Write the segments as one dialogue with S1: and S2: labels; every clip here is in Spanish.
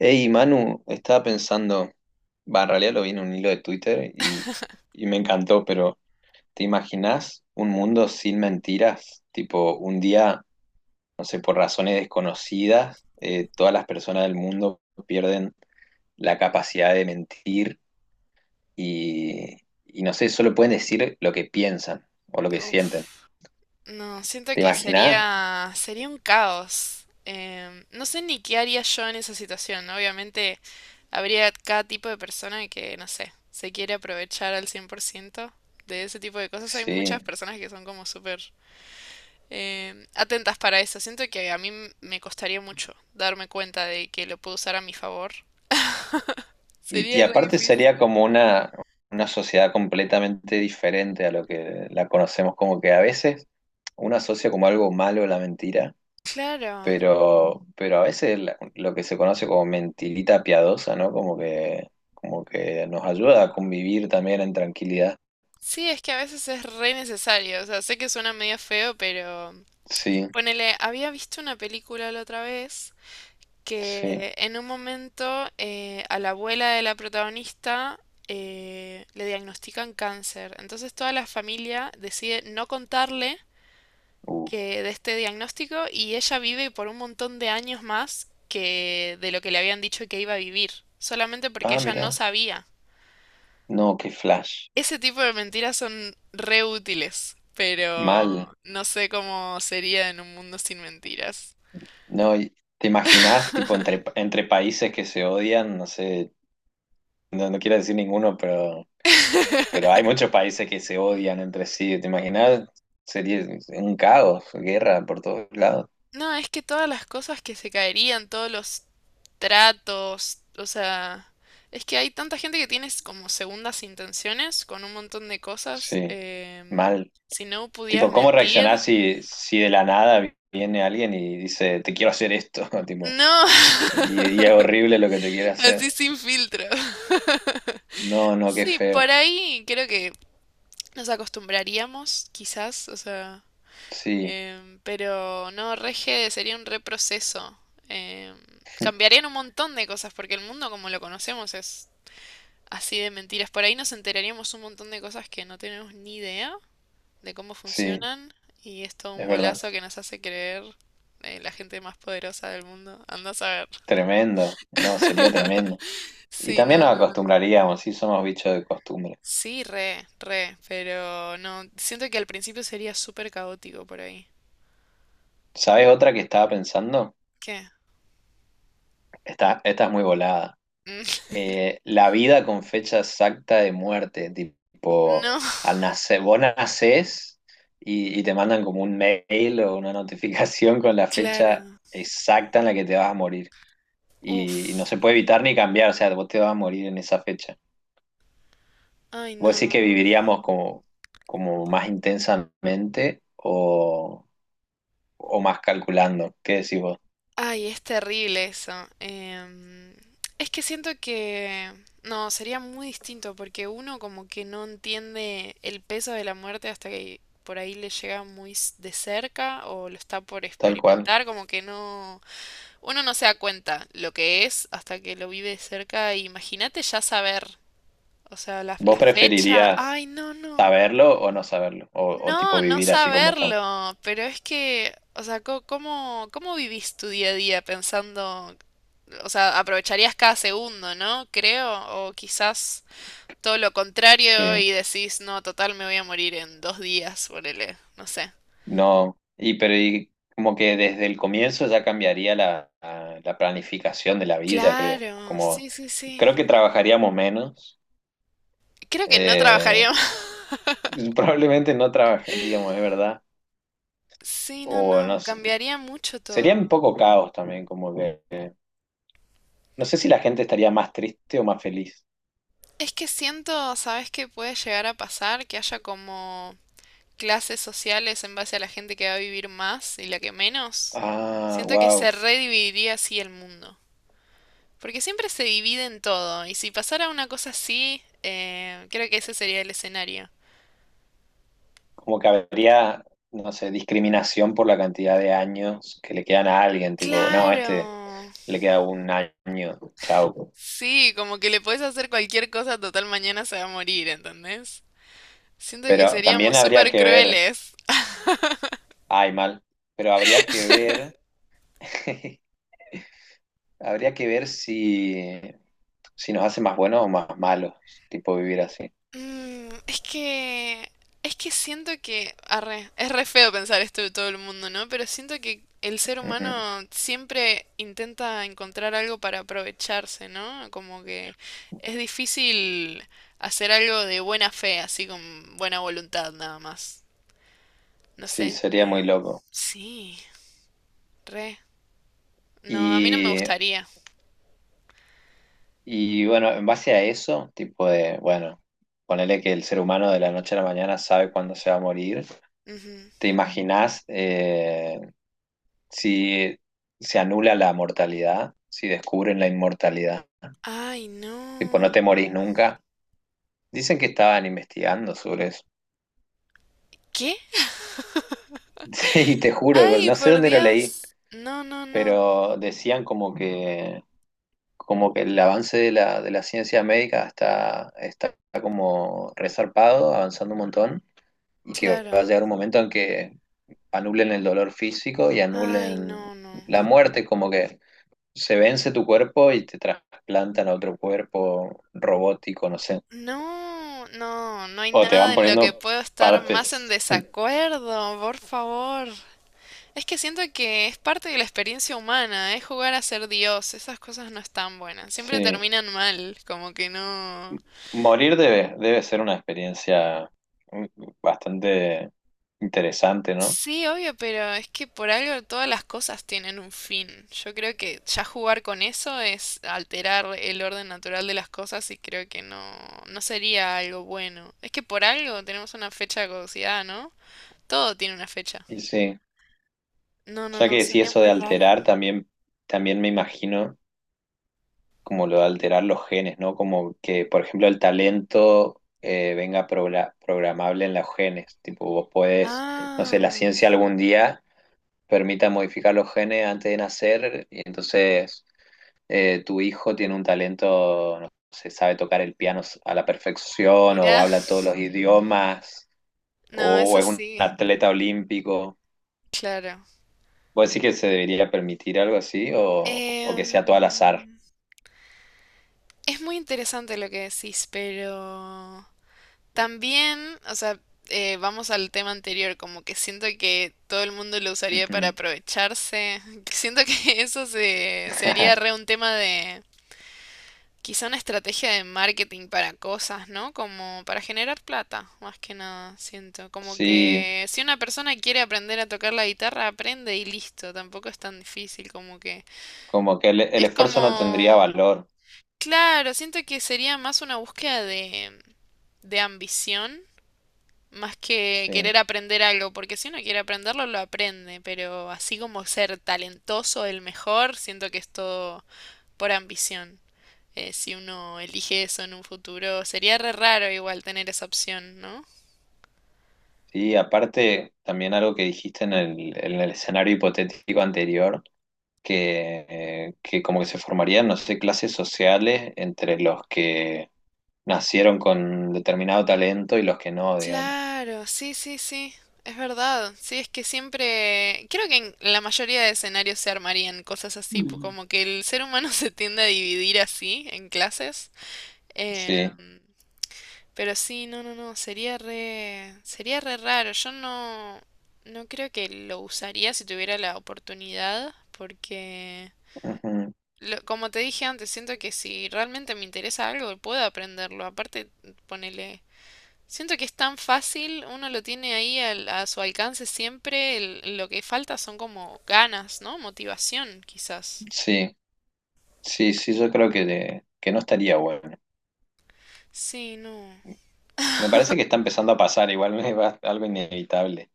S1: Hey, Manu, estaba pensando, va, en realidad lo vi en un hilo de Twitter y me encantó, pero ¿te imaginas un mundo sin mentiras? Tipo, un día, no sé, por razones desconocidas, todas las personas del mundo pierden la capacidad de mentir y, y no sé, solo pueden decir lo que piensan o lo que sienten.
S2: Uf, no, siento
S1: ¿Te
S2: que
S1: imaginas?
S2: sería un caos. No sé ni qué haría yo en esa situación. ¿No? Obviamente habría cada tipo de persona que, no sé, se quiere aprovechar al 100% de ese tipo de cosas. Hay
S1: Sí.
S2: muchas personas que son como súper atentas para eso. Siento que a me costaría mucho darme cuenta de que lo puedo usar a mi favor. Sería
S1: Y
S2: re
S1: aparte sería
S2: difícil.
S1: como una sociedad completamente diferente a lo que la conocemos, como que a veces uno asocia como algo malo la mentira,
S2: Claro.
S1: pero a veces lo que se conoce como mentirita piadosa, ¿no? Como que nos ayuda a convivir también en tranquilidad.
S2: Sí, es que a veces es re necesario. O sea, sé que suena medio feo, pero...
S1: Sí,
S2: Ponele, había visto una película la otra vez
S1: sí.
S2: que en un momento a la abuela de la protagonista le diagnostican cáncer. Entonces toda la familia decide no contarle
S1: Uh.
S2: que de este diagnóstico y ella vive por un montón de años más que de lo que le habían dicho que iba a vivir, solamente porque
S1: Ah,
S2: ella no
S1: mira.
S2: sabía.
S1: No, qué flash.
S2: Ese tipo de mentiras son re útiles,
S1: Mal.
S2: pero no sé cómo sería en un mundo sin mentiras.
S1: No, ¿te imaginas tipo, entre, entre países que se odian? No sé, no quiero decir ninguno, pero Pero hay muchos países que se odian entre sí, ¿te imaginas? Sería un caos, guerra por todos lados.
S2: No, es que todas las cosas que se caerían, todos los tratos, o sea, es que hay tanta gente que tiene como segundas intenciones con un montón de cosas.
S1: Sí,
S2: em,
S1: mal.
S2: si no pudieras
S1: Tipo, ¿cómo
S2: mentir,
S1: reaccionás si de la nada viene alguien y dice, te quiero hacer esto? Tipo,
S2: no,
S1: y es horrible lo que te quiere hacer.
S2: así sin filtro.
S1: No, no, qué
S2: Sí,
S1: feo.
S2: por ahí creo que nos acostumbraríamos, quizás, o sea,
S1: Sí,
S2: pero no, rege sería un reproceso. em, cambiarían un montón de cosas, porque el mundo como lo conocemos es así de mentiras. Por ahí nos enteraríamos un montón de cosas que no tenemos ni idea de cómo
S1: sí,
S2: funcionan y es todo un
S1: es verdad.
S2: bolazo que nos hace creer la gente más poderosa del mundo. Anda a saber.
S1: Tremendo. No, sería tremendo. Y
S2: Sí,
S1: también
S2: no,
S1: nos
S2: no, no.
S1: acostumbraríamos, sí, somos bichos de costumbre.
S2: Sí, re, re, pero no, siento que al principio sería súper caótico por ahí.
S1: ¿Sabes otra que estaba pensando?
S2: ¿Qué?
S1: Esta es muy volada.
S2: Mm,
S1: La vida con fecha exacta de muerte, tipo,
S2: No,
S1: al nacer, vos nacés y te mandan como un mail o una notificación con la fecha
S2: claro.
S1: exacta en la que te vas a morir. Y no
S2: Uf.
S1: se puede evitar ni cambiar, o sea, vos te vas a morir en esa fecha.
S2: Ay,
S1: ¿Vos
S2: no,
S1: decís
S2: no,
S1: que
S2: no.
S1: viviríamos como, como más intensamente o más calculando? ¿Qué decís vos?
S2: Ay, es terrible eso. em, es que siento que... No, sería muy distinto porque uno como que no entiende el peso de la muerte hasta que por ahí le llega muy de cerca o lo está por
S1: Tal cual.
S2: experimentar, como que no... Uno no se da cuenta lo que es hasta que lo vive de cerca. Imagínate ya saber, o sea, la,
S1: ¿Vos
S2: la fecha.
S1: preferirías
S2: Ay, no, no.
S1: saberlo o no saberlo? O tipo
S2: No, no
S1: vivir así como estamos.
S2: saberlo, pero es que, o sea, ¿cómo, cómo vivís tu día a día pensando, o sea, aprovecharías cada segundo, ¿no? Creo, o quizás todo lo contrario
S1: Sí.
S2: y decís, no, total, me voy a morir en dos días, ponele, no sé.
S1: No, y pero y como que desde el comienzo ya cambiaría la, la planificación de la vida, creo.
S2: Claro,
S1: Como
S2: sí, sí, sí.
S1: creo que trabajaríamos menos,
S2: Creo que no trabajaría
S1: eh,
S2: más.
S1: probablemente no trabajaríamos, es verdad.
S2: Sí, no,
S1: O no
S2: no,
S1: sé,
S2: cambiaría mucho
S1: sería
S2: todo.
S1: un poco caos también, como que no sé si la gente estaría más triste o más feliz.
S2: Es que siento, ¿sabes qué puede llegar a pasar? Que haya como clases sociales en base a la gente que va a vivir más y la que menos,
S1: Ah,
S2: siento que se
S1: wow.
S2: redividiría así el mundo. Porque siempre se divide en todo, y si pasara una cosa así, creo que ese sería el escenario.
S1: Como que habría, no sé, discriminación por la cantidad de años que le quedan a alguien, tipo, no, a
S2: Claro.
S1: este le queda un año, chao.
S2: Sí, como que le podés hacer cualquier cosa, total mañana se va a morir, ¿entendés? Siento que
S1: Pero también
S2: seríamos
S1: habría
S2: súper
S1: que ver,
S2: crueles.
S1: ay, mal, pero habría que ver, habría que ver si nos hace más buenos o más malos, tipo vivir así.
S2: Mm, es que. Es que siento que. Arre, es re feo pensar esto de todo el mundo, ¿no? Pero siento que el ser
S1: Ujú.
S2: humano siempre intenta encontrar algo para aprovecharse, ¿no? Como que es difícil hacer algo de buena fe, así con buena voluntad nada más. No
S1: Sí,
S2: sé.
S1: sería muy loco.
S2: Sí, re. No, a mí no me
S1: Y,
S2: gustaría.
S1: y bueno, en base a eso, tipo de, bueno, ponele que el ser humano de la noche a la mañana sabe cuándo se va a morir.
S2: Ujú.
S1: ¿Te imaginás si se anula la mortalidad, si descubren la inmortalidad?
S2: Ay, no.
S1: Tipo, no te morís nunca. Dicen que estaban investigando sobre
S2: ¿Qué?
S1: sí, te juro, pero
S2: Ay,
S1: no sé
S2: por
S1: dónde lo leí,
S2: Dios. No, no, no.
S1: pero decían como que el avance de de la ciencia médica está como resarpado, avanzando un montón, y que va a
S2: Claro.
S1: llegar un momento en que anulen el dolor físico y
S2: Ay,
S1: anulen
S2: no, no.
S1: la muerte, como que se vence tu cuerpo y te trasplantan a otro cuerpo robótico, no sé,
S2: No, no, no hay
S1: o te
S2: nada
S1: van
S2: en lo que
S1: poniendo
S2: puedo estar más en
S1: partes.
S2: desacuerdo, por favor. Es que siento que es parte de la experiencia humana, es jugar a ser Dios, esas cosas no están buenas, siempre
S1: Sí,
S2: terminan mal, como que no...
S1: morir debe ser una experiencia mm, bastante interesante, ¿no?
S2: Sí, obvio, pero es que por algo todas las cosas tienen un fin. Yo creo que ya jugar con eso es alterar el orden natural de las cosas y creo que no, no sería algo bueno. Es que por algo tenemos una fecha de caducidad, ¿no? Todo tiene una fecha.
S1: Y sí,
S2: No, no,
S1: ya
S2: no,
S1: que si
S2: sería
S1: eso
S2: muy
S1: de
S2: raro.
S1: alterar también, también me imagino como lo de alterar los genes, ¿no? Como que, por ejemplo, el talento venga programable en los genes. Tipo, vos podés, no
S2: Ah,
S1: sé, la ciencia algún día permita modificar los genes antes de nacer y entonces tu hijo tiene un talento, no sé, sabe tocar el piano a la perfección o
S2: mirá.
S1: habla todos los idiomas
S2: No,
S1: o
S2: eso
S1: es un
S2: sí,
S1: atleta olímpico.
S2: claro.
S1: ¿Vos decís que se debería permitir algo así o que sea todo al azar?
S2: Em, es muy interesante lo que decís, pero también, o sea, vamos al tema anterior, como que siento que todo el mundo lo usaría para
S1: Ujú.
S2: aprovecharse. Siento que eso se haría re un tema de, Quizá una estrategia de marketing para cosas, ¿no? Como para generar plata, más que nada, siento. Como
S1: Sí,
S2: que si una persona quiere aprender a tocar la guitarra, aprende y listo. Tampoco es tan difícil como que...
S1: como que el
S2: Es
S1: esfuerzo no
S2: como...
S1: tendría valor.
S2: Claro, siento que sería más una búsqueda de ambición, más que
S1: Sí.
S2: querer aprender algo, porque si uno quiere aprenderlo, lo aprende, pero así como ser talentoso, el mejor, siento que es todo por ambición. Si uno elige eso en un futuro. Sería re raro igual tener esa opción, ¿no?
S1: Sí, aparte también algo que dijiste en en el escenario hipotético anterior, que como que se formarían, no sé, clases sociales entre los que nacieron con determinado talento y los que no, digamos.
S2: Claro, sí, sí, sí, es verdad. Sí, es que siempre, creo que en la mayoría de escenarios se armarían cosas así,
S1: Mm.
S2: como que el ser humano se tiende a dividir así en clases.
S1: Sí,
S2: Em, pero sí, no, no, no, sería re raro. Yo no, no creo que lo usaría si tuviera la oportunidad, porque
S1: ujú,
S2: como te dije antes, siento que si realmente me interesa algo, puedo aprenderlo. Aparte, ponele, siento que es tan fácil, uno lo tiene ahí a su alcance siempre, lo que falta son como ganas, ¿no? Motivación, quizás.
S1: sí, sí, sí, yo creo que, que no estaría bueno.
S2: Sí, no.
S1: Me parece que está empezando a pasar, igual algo inevitable.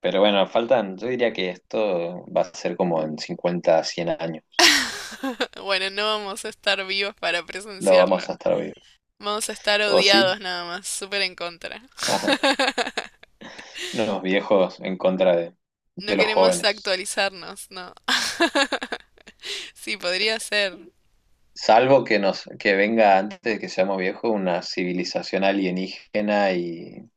S1: Pero bueno, faltan, yo diría que esto va a ser como en 50, 100 años.
S2: Bueno, no vamos a estar vivos para
S1: Lo
S2: presenciarlo.
S1: vamos a estar vivos.
S2: Vamos a estar
S1: ¿O sí?
S2: odiados nada más, súper en contra.
S1: Ajá. Unos viejos en contra
S2: No
S1: de los
S2: queremos
S1: jóvenes.
S2: actualizarnos, no. Sí, podría ser.
S1: Salvo que nos, que venga antes de que seamos viejos una civilización alienígena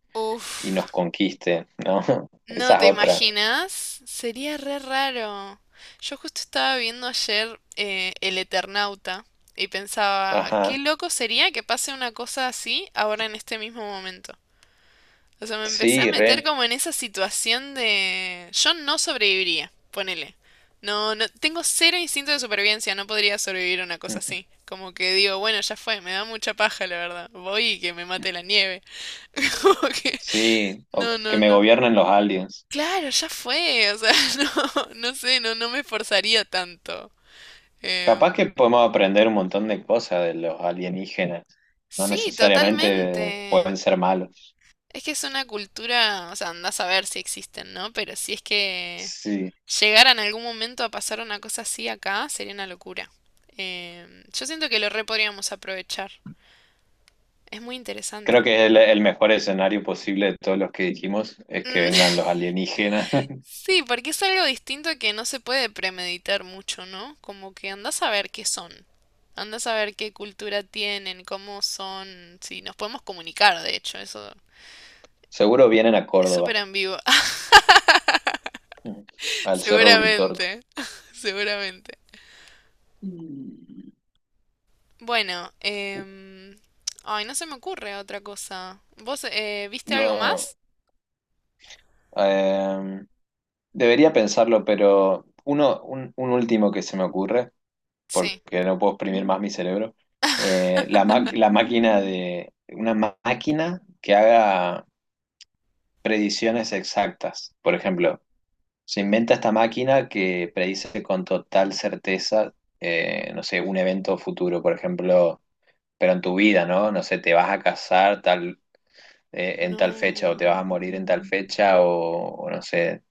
S1: y nos
S2: Uf.
S1: conquiste, ¿no?
S2: No,
S1: Esa es
S2: ¿te
S1: otra.
S2: imaginas? Sería re raro. Yo justo estaba viendo ayer El Eternauta y pensaba, qué
S1: Ajá.
S2: loco sería que pase una cosa así ahora en este mismo momento. O sea, me empecé a
S1: Sí,
S2: meter
S1: re.
S2: como en esa situación de... Yo no sobreviviría, ponele. No, no, tengo cero instinto de supervivencia, no podría sobrevivir a una cosa así. Como que digo, bueno, ya fue, me da mucha paja, la verdad. Voy y que me mate la nieve. Como que...
S1: Sí, o
S2: No,
S1: que
S2: no,
S1: me
S2: no.
S1: gobiernen los aliens.
S2: Claro, ya fue, o sea, no, no sé, no, no me esforzaría tanto. Em,
S1: Capaz que podemos aprender un montón de cosas de los alienígenas. No
S2: sí,
S1: necesariamente
S2: totalmente.
S1: pueden ser malos.
S2: Es que es una cultura, o sea, andás a ver si existen, ¿no? Pero si es que
S1: Sí.
S2: llegara en algún momento a pasar una cosa así acá, sería una locura. Yo siento que lo re podríamos aprovechar. Es muy
S1: Creo
S2: interesante.
S1: que el mejor escenario posible de todos los que dijimos es que vengan los alienígenas.
S2: Sí, porque es algo distinto que no se puede premeditar mucho, ¿no? Como que andás a ver qué son, andás a ver qué cultura tienen, cómo son, si nos podemos comunicar, de hecho, eso
S1: Seguro vienen a
S2: es súper
S1: Córdoba,
S2: ambiguo.
S1: al Cerro Uritorco.
S2: Seguramente, seguramente.
S1: Mm,
S2: Bueno, ay, no se me ocurre otra cosa. ¿Vos viste algo
S1: no,
S2: más?
S1: em, debería pensarlo, pero uno, un último que se me ocurre,
S2: Sí.
S1: porque no puedo exprimir más mi cerebro, la, la máquina de, una máquina que haga predicciones exactas. Por ejemplo, se inventa esta máquina que predice con total certeza, no sé, un evento futuro, por ejemplo, pero en tu vida, ¿no? No sé, te vas a casar tal en tal fecha o te vas a
S2: No.
S1: morir en tal fecha o no sé,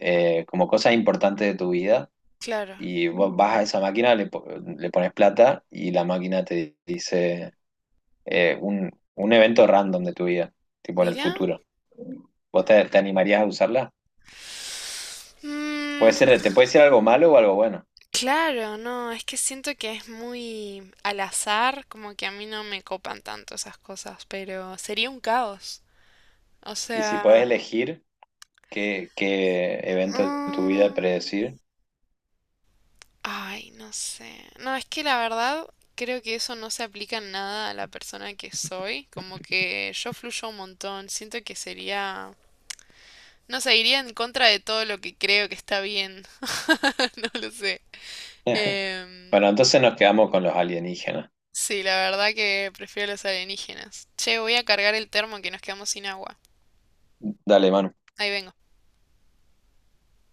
S1: como cosas importantes de tu vida
S2: Claro.
S1: y vos vas a esa máquina, le, le pones plata y la máquina te dice un evento random de tu vida, tipo en el
S2: Mira.
S1: futuro. ¿Vos te animarías a usarla? Puede ser, te puede ser algo malo o algo bueno.
S2: Claro, no, es que siento que es muy al azar, como que a mí no me copan tanto esas cosas, pero sería un caos. O
S1: Y si podés
S2: sea,
S1: elegir qué evento de tu vida
S2: mm,
S1: predecir.
S2: ay, no sé. No, es que la verdad creo que eso no se aplica en nada a la persona que soy, como que yo fluyo un montón, siento que sería, no sé, iría en contra de todo lo que creo que está bien. No lo sé. Em,
S1: Bueno, entonces nos quedamos con los alienígenas.
S2: Sí, la verdad que prefiero los alienígenas. Che, voy a cargar el termo que nos quedamos sin agua.
S1: Dale, Manu.
S2: Ahí vengo.